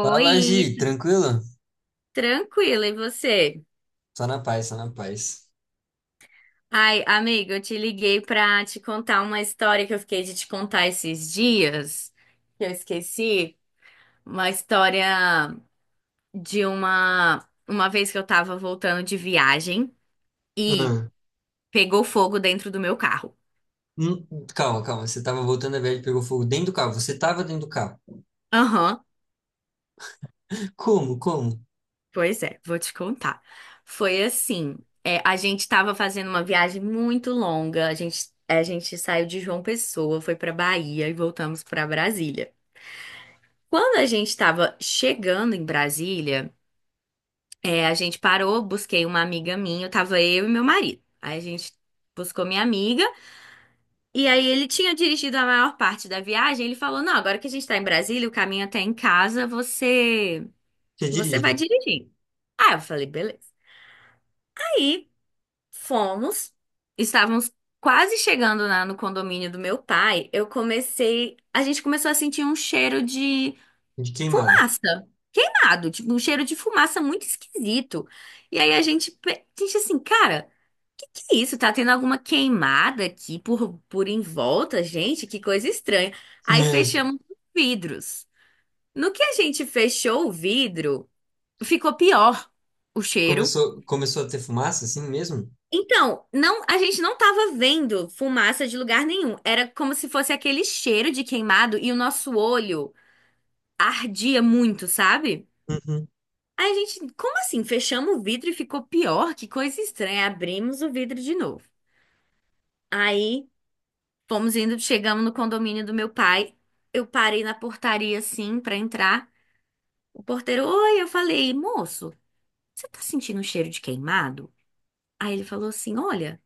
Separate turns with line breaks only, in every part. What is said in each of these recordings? Fala, Gi, tranquilo?
tranquila, e você?
Só na paz, só na paz.
Ai, amiga, eu te liguei pra te contar uma história que eu fiquei de te contar esses dias, que eu esqueci, uma história de uma vez que eu tava voltando de viagem e
Ah,
pegou fogo dentro do meu carro.
hum, calma, calma, você tava voltando a viagem e pegou fogo dentro do carro. Você tava dentro do carro.
Aham,
Como, como?
pois é, vou te contar. Foi assim, é, a gente tava fazendo uma viagem muito longa, a gente saiu de João Pessoa, foi pra Bahia e voltamos pra Brasília. Quando a gente estava chegando em Brasília, é, a gente parou, busquei uma amiga minha, tava eu e meu marido. Aí a gente buscou minha amiga, e aí ele tinha dirigido a maior parte da viagem. Ele falou: "Não, agora que a gente tá em Brasília, o caminho até em casa, você,
Você
você vai
dirige?
dirigir." Ah, eu falei: "Beleza." Aí fomos, estávamos quase chegando lá no condomínio do meu pai. Eu comecei, a gente começou a sentir um cheiro de
De queimado.
fumaça. Queimado, tipo, um cheiro de fumaça muito esquisito. E aí a gente assim, cara, que é isso? Tá tendo alguma queimada aqui por em volta, gente? Que coisa estranha. Aí
Né?
fechamos os vidros. No que a gente fechou o vidro, ficou pior o cheiro.
Começou a ter fumaça assim mesmo?
Então, não, a gente não tava vendo fumaça de lugar nenhum. Era como se fosse aquele cheiro de queimado e o nosso olho ardia muito, sabe?
Uhum.
Aí a gente, como assim? Fechamos o vidro e ficou pior? Que coisa estranha. Abrimos o vidro de novo. Aí fomos indo, chegamos no condomínio do meu pai. Eu parei na portaria assim pra entrar. O porteiro, oi, eu falei, moço, você tá sentindo um cheiro de queimado? Aí ele falou assim: olha,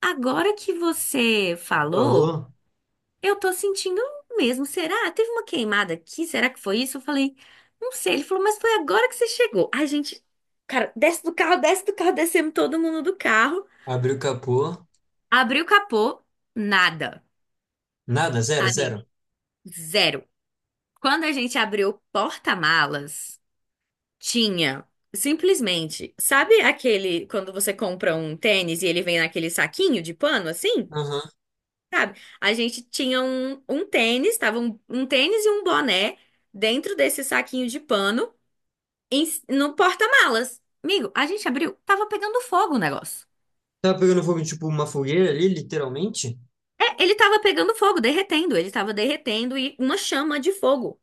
agora que você falou.
Falou,
Eu tô sentindo mesmo. Será? Teve uma queimada aqui? Será que foi isso? Eu falei, não sei. Ele falou, mas foi agora que você chegou. Ai, gente, cara, desce do carro, descemos todo mundo do carro.
abriu o capô.
Abriu o capô, nada.
Nada, zero,
Amigo,
zero.
zero. Quando a gente abriu o porta-malas, tinha simplesmente, sabe aquele quando você compra um tênis e ele vem naquele saquinho de pano assim?
Aham.
Sabe? A gente tinha um tênis, tava um tênis e um boné dentro desse saquinho de pano no porta-malas. Amigo, a gente abriu, tava pegando fogo o negócio.
Tava pegando fogo, tipo, uma fogueira ali, literalmente?
É, ele tava pegando fogo, derretendo, ele tava derretendo e uma chama de fogo.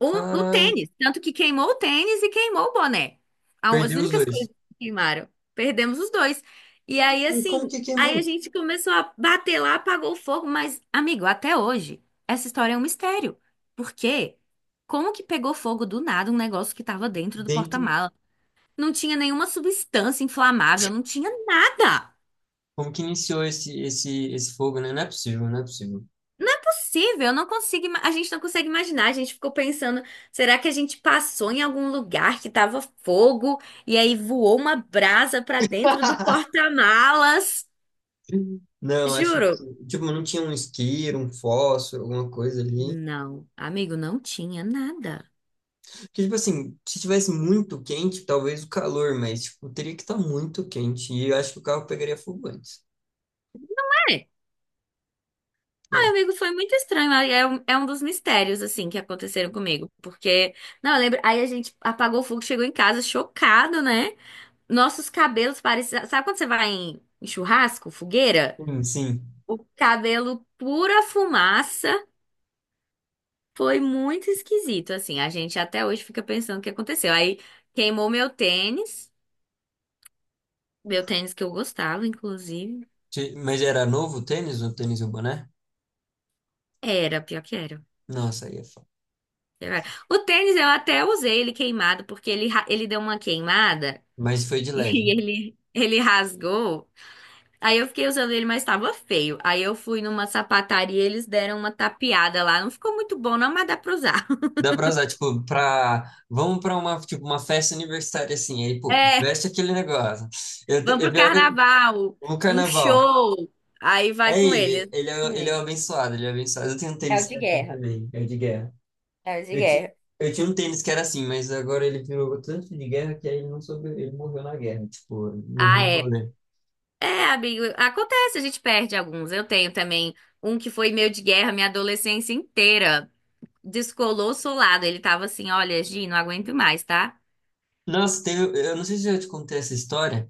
O, o
Caralho,
tênis, tanto que queimou o tênis e queimou o boné. A- As
perdeu os
únicas coisas
dois.
que queimaram. Perdemos os dois. E aí,
Como
assim,
que queimou?
aí a gente começou a bater lá, apagou o fogo, mas, amigo, até hoje, essa história é um mistério. Por quê? Como que pegou fogo do nada um negócio que estava dentro do
Dentro.
porta-mala? Não tinha nenhuma substância inflamável, não tinha nada.
Como que iniciou esse fogo, né? Não é possível, não é possível.
Não é possível, eu não consigo, a gente não consegue imaginar. A gente ficou pensando, será que a gente passou em algum lugar que tava fogo e aí voou uma brasa pra dentro do porta-malas?
Não, acho
Juro.
que, tipo, não tinha um isqueiro, um fósforo, alguma coisa ali.
Não, amigo, não tinha nada.
Porque, tipo assim, se tivesse muito quente, talvez o calor, mas, tipo, teria que estar muito quente. E eu acho que o carro pegaria fogo antes.
É. Ai,
É.
amigo, foi muito estranho. Aí é um dos mistérios, assim, que aconteceram comigo. Porque, não, eu lembro. Aí a gente apagou o fogo, chegou em casa chocado, né? Nossos cabelos pareciam. Sabe quando você vai em churrasco, fogueira?
Sim, sim.
O cabelo pura fumaça, foi muito esquisito, assim. A gente até hoje fica pensando o que aconteceu. Aí queimou meu tênis que eu gostava, inclusive.
Mas era novo o tênis e o boné?
Era, pior que era.
Nossa, aí é foda.
Era. O tênis eu até usei ele queimado, porque ele, ele deu uma queimada
Mas foi de
e
leve.
ele rasgou. Aí eu fiquei usando ele, mas tava feio. Aí eu fui numa sapataria, eles deram uma tapeada lá. Não ficou muito bom, não, mas dá pra usar.
Dá pra usar, tipo. Vamos pra uma, tipo, uma festa universitária, assim. Aí, pô,
É,
veste aquele negócio. Eu, te-
vamos
é
pro
pior que
carnaval,
no
um
carnaval.
show. Aí
É
vai com
ele,
ele.
ele é, o- ele é o
Hum,
abençoado, ele é o abençoado. Eu tenho um
É o
tênis que
de
é assim
guerra.
também, é o de guerra.
É o de
Eu, ti,
guerra.
eu tinha um tênis que era assim, mas agora ele virou tanto de guerra que aí ele não soube, ele morreu na guerra, tipo, morreu
Ah,
no
é.
rolê.
É, amigo, acontece, a gente perde alguns. Eu tenho também um que foi meu de guerra minha adolescência inteira. Descolou solado. Ele tava assim: olha, Gi, não aguento mais, tá?
Nossa, eu não sei se eu já te contei essa história,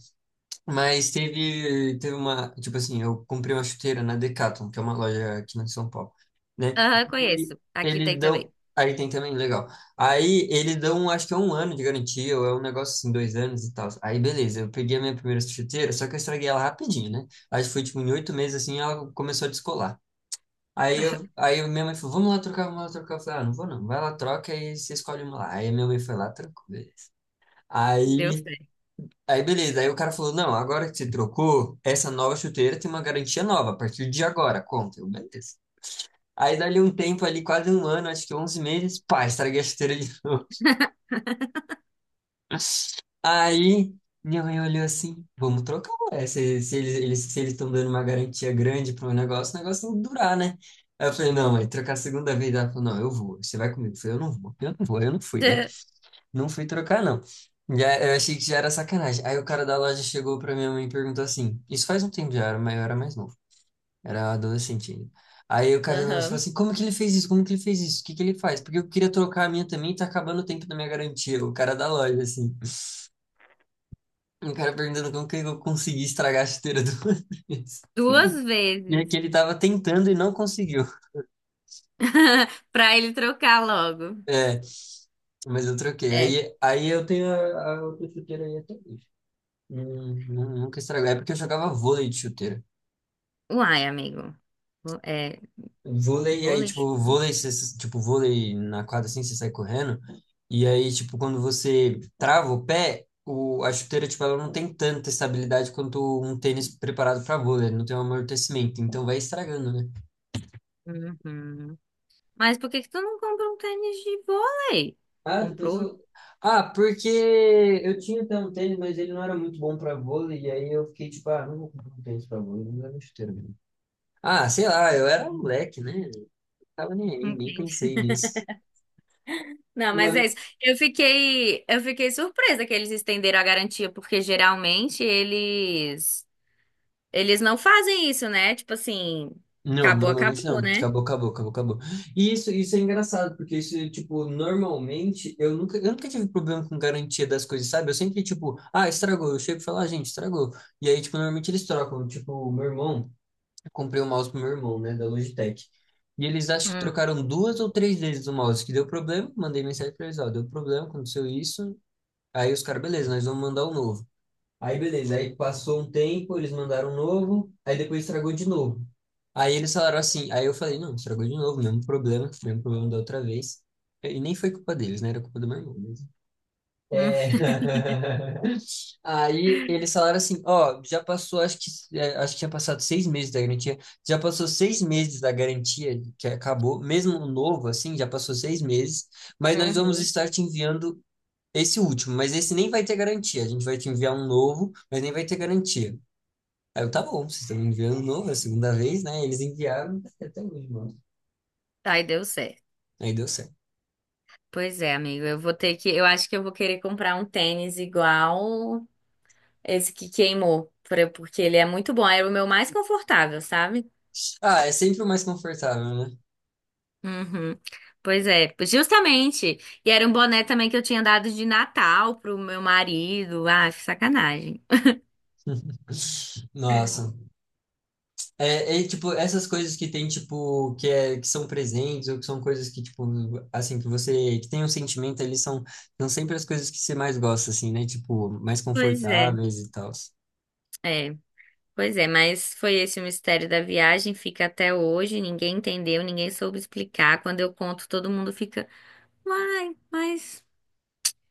mas teve uma, tipo assim, eu comprei uma chuteira na Decathlon, que é uma loja aqui em São Paulo, né?
Aham,
E
conheço. Aqui tem
eles
também.
dão, aí tem também, legal. Aí eles dão, acho que é um ano de garantia, ou é um negócio assim, 2 anos e tal. Aí beleza, eu peguei a minha primeira chuteira, só que eu estraguei ela rapidinho, né? Aí foi tipo em 8 meses assim, ela começou a descolar. Aí minha mãe falou, vamos lá trocar, vamos lá trocar. Eu falei, ah, não vou não, vai lá, troca e você escolhe uma lá. Aí minha mãe foi lá, trocou, beleza.
Deu
Aí
certo.
Aí beleza, aí o cara falou: Não, agora que você trocou, essa nova chuteira tem uma garantia nova, a partir de agora, conta. Eu, beleza. Aí dali um tempo ali, quase um ano, acho que 11 meses, pá, estraguei a chuteira de novo. Aí minha mãe olhou assim: Vamos trocar, ué. Se eles estão dando uma garantia grande para um negócio, o negócio tem que durar, né? Aí eu falei: Não, mãe, trocar a segunda vez. Ela falou: Não, eu vou, você vai comigo. Eu falei: Eu não vou, eu não vou, eu não fui, né? Não fui trocar, não. Já, eu achei que já era sacanagem. Aí o cara da loja chegou pra minha mãe e perguntou assim: Isso faz um tempo já, era, mas eu era mais novo, era adolescente ainda. Aí o cara da loja falou
Aham.
assim: Como que ele fez isso? Como que ele fez isso? O que que ele faz? Porque eu queria trocar a minha também e tá acabando o tempo da minha garantia. O cara da loja, assim. O cara perguntando como que eu consegui estragar a chuteira do Matheus.
Duas
E é
vezes.
que ele tava tentando e não conseguiu.
Pra ele trocar logo.
É, mas eu troquei.
É.
Aí eu tenho a outra chuteira aí até hoje. Nunca estragou. É porque eu jogava vôlei de chuteira.
Uai, amigo. É,
Vôlei, e aí,
vôlei.
tipo, vôlei, você, tipo, vôlei na quadra assim, você sai correndo, e aí, tipo, quando você trava o pé, a chuteira, tipo, ela não tem tanta estabilidade quanto um tênis preparado para vôlei, não tem um amortecimento, então vai estragando, né?
Uhum. Mas por que que tu não comprou um tênis de vôlei?
Ah, depois
Comprou?
eu. Ah, porque eu tinha até um tênis, mas ele não era muito bom para vôlei, e aí eu fiquei tipo, ah, não vou comprar um tênis para vôlei, não era chuteira mesmo. Ah, sei lá, eu era um moleque, né? Não tava nem aí, nem
Entendi.
pensei nisso.
Não, mas é isso. Eu fiquei surpresa que eles estenderam a garantia, porque geralmente eles não fazem isso, né? Tipo assim,
Não,
acabou,
normalmente
acabou,
não.
né?
Acabou, acabou, acabou, acabou. E isso é engraçado, porque isso, tipo, normalmente eu nunca tive problema com garantia das coisas, sabe? Eu sempre, tipo, ah, estragou. Eu chego e falo, ah, gente, estragou. E aí, tipo, normalmente eles trocam. Tipo, eu comprei o mouse pro meu irmão, né, da Logitech. E eles acho que
Hum.
trocaram duas ou três vezes o mouse, que deu problema. Mandei mensagem pra eles, ó, deu problema, aconteceu isso. Aí os caras, beleza, nós vamos mandar o novo. Aí beleza, aí passou um tempo, eles mandaram um novo, aí depois estragou de novo. Aí eles falaram assim, aí eu falei, não, estragou de novo, mesmo problema da outra vez. E nem foi culpa deles, né? Era culpa do meu irmão mesmo.
Hum.
É... Aí eles falaram assim, ó, já passou, acho que tinha passado 6 meses da garantia, já passou 6 meses da garantia que acabou, mesmo o novo, assim, já passou 6 meses, mas nós vamos
Uhum.
estar te enviando esse último, mas esse nem vai ter garantia. A gente vai te enviar um novo, mas nem vai ter garantia. Aí eu, tá bom, vocês estão me enviando um novo, é a segunda vez, né? Eles enviaram é até hoje, mano.
Aí deu certo.
Aí deu certo.
Pois é, amigo, eu vou ter que, eu acho que eu vou querer comprar um tênis igual esse que queimou, pra- porque ele é muito bom, era o meu mais confortável, sabe?
Ah, é sempre o mais confortável, né?
Uhum. Pois é, justamente. E era um boné também que eu tinha dado de Natal pro meu marido. Ah, que sacanagem.
Nossa. É, tipo, essas coisas que tem, tipo, que são presentes, ou que são coisas que, tipo, assim, que tem um sentimento eles são sempre as coisas que você mais gosta, assim, né? Tipo, mais
Pois é,
confortáveis e tal.
é, pois é, mas foi esse o mistério da viagem, fica até hoje, ninguém entendeu, ninguém soube explicar. Quando eu conto, todo mundo fica, uai, mas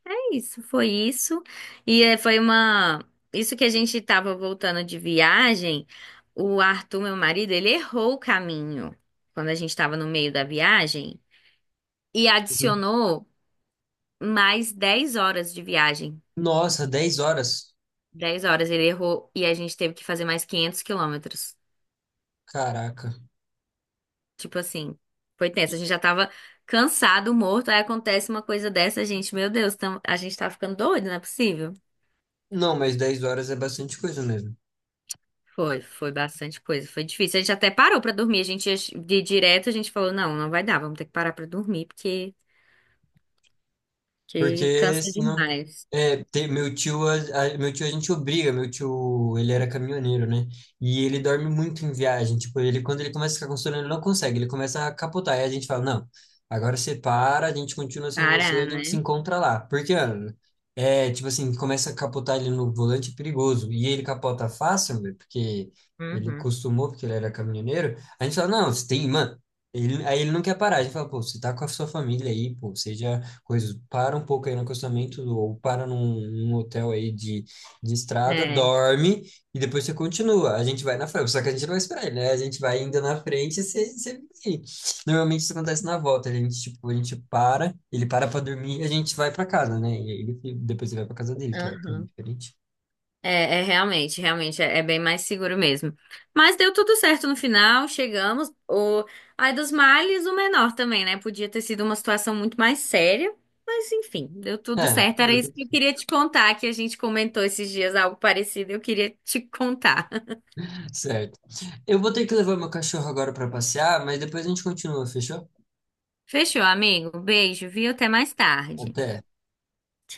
é isso, foi isso. E é, foi uma. Isso que a gente tava voltando de viagem, o Arthur, meu marido, ele errou o caminho quando a gente tava no meio da viagem. E adicionou mais 10 horas de viagem.
Nossa, 10 horas?
10 horas ele errou e a gente teve que fazer mais 500 quilômetros.
Caraca.
Tipo assim, foi tenso. A gente já tava cansado, morto. Aí acontece uma coisa dessa, gente. Meu Deus, a gente tá ficando doido, não é possível?
Não, mas 10 horas é bastante coisa mesmo.
Foi bastante coisa. Foi difícil. A gente até parou pra dormir. A gente ia de direto, a gente falou: não, não vai dar, vamos ter que parar pra dormir, porque que
Porque
cansa
senão.
demais.
É, meu tio a gente obriga, meu tio, ele era caminhoneiro, né? E ele dorme muito em viagem, tipo, ele quando ele começa a ficar com sono, ele não consegue, ele começa a capotar, e a gente fala, não, agora você para, a gente continua sem você,
Parar,
a gente se
né?
encontra lá. Porque, mano, é, tipo assim, começa a capotar ele no volante, é perigoso, e ele capota fácil, velho, porque ele
Uhum.
costumou, porque ele era caminhoneiro, a gente fala, não, você tem, mano, aí ele não quer parar, a gente fala, pô, você tá com a sua família aí, pô, seja coisas, para um pouco aí no acostamento ou para num hotel aí de estrada,
É.
dorme e depois você continua. A gente vai na frente, só que a gente não vai esperar, ele, né? A gente vai ainda na frente e você vem. Normalmente isso acontece na volta, tipo, a gente para, ele para para dormir e a gente vai para casa, né? E aí depois ele vai para casa dele, que é
Aham.
diferente.
É, realmente, realmente, é bem mais seguro mesmo. Mas deu tudo certo no final, chegamos. O... Ai, dos males, o menor também, né? Podia ter sido uma situação muito mais séria, mas enfim, deu tudo
É,
certo. Era isso que eu queria te contar, que a gente comentou esses dias algo parecido, eu queria te contar.
certo. Eu vou ter que levar meu cachorro agora para passear, mas depois a gente continua, fechou?
Fechou, amigo? Beijo, viu? Até mais tarde.
Até.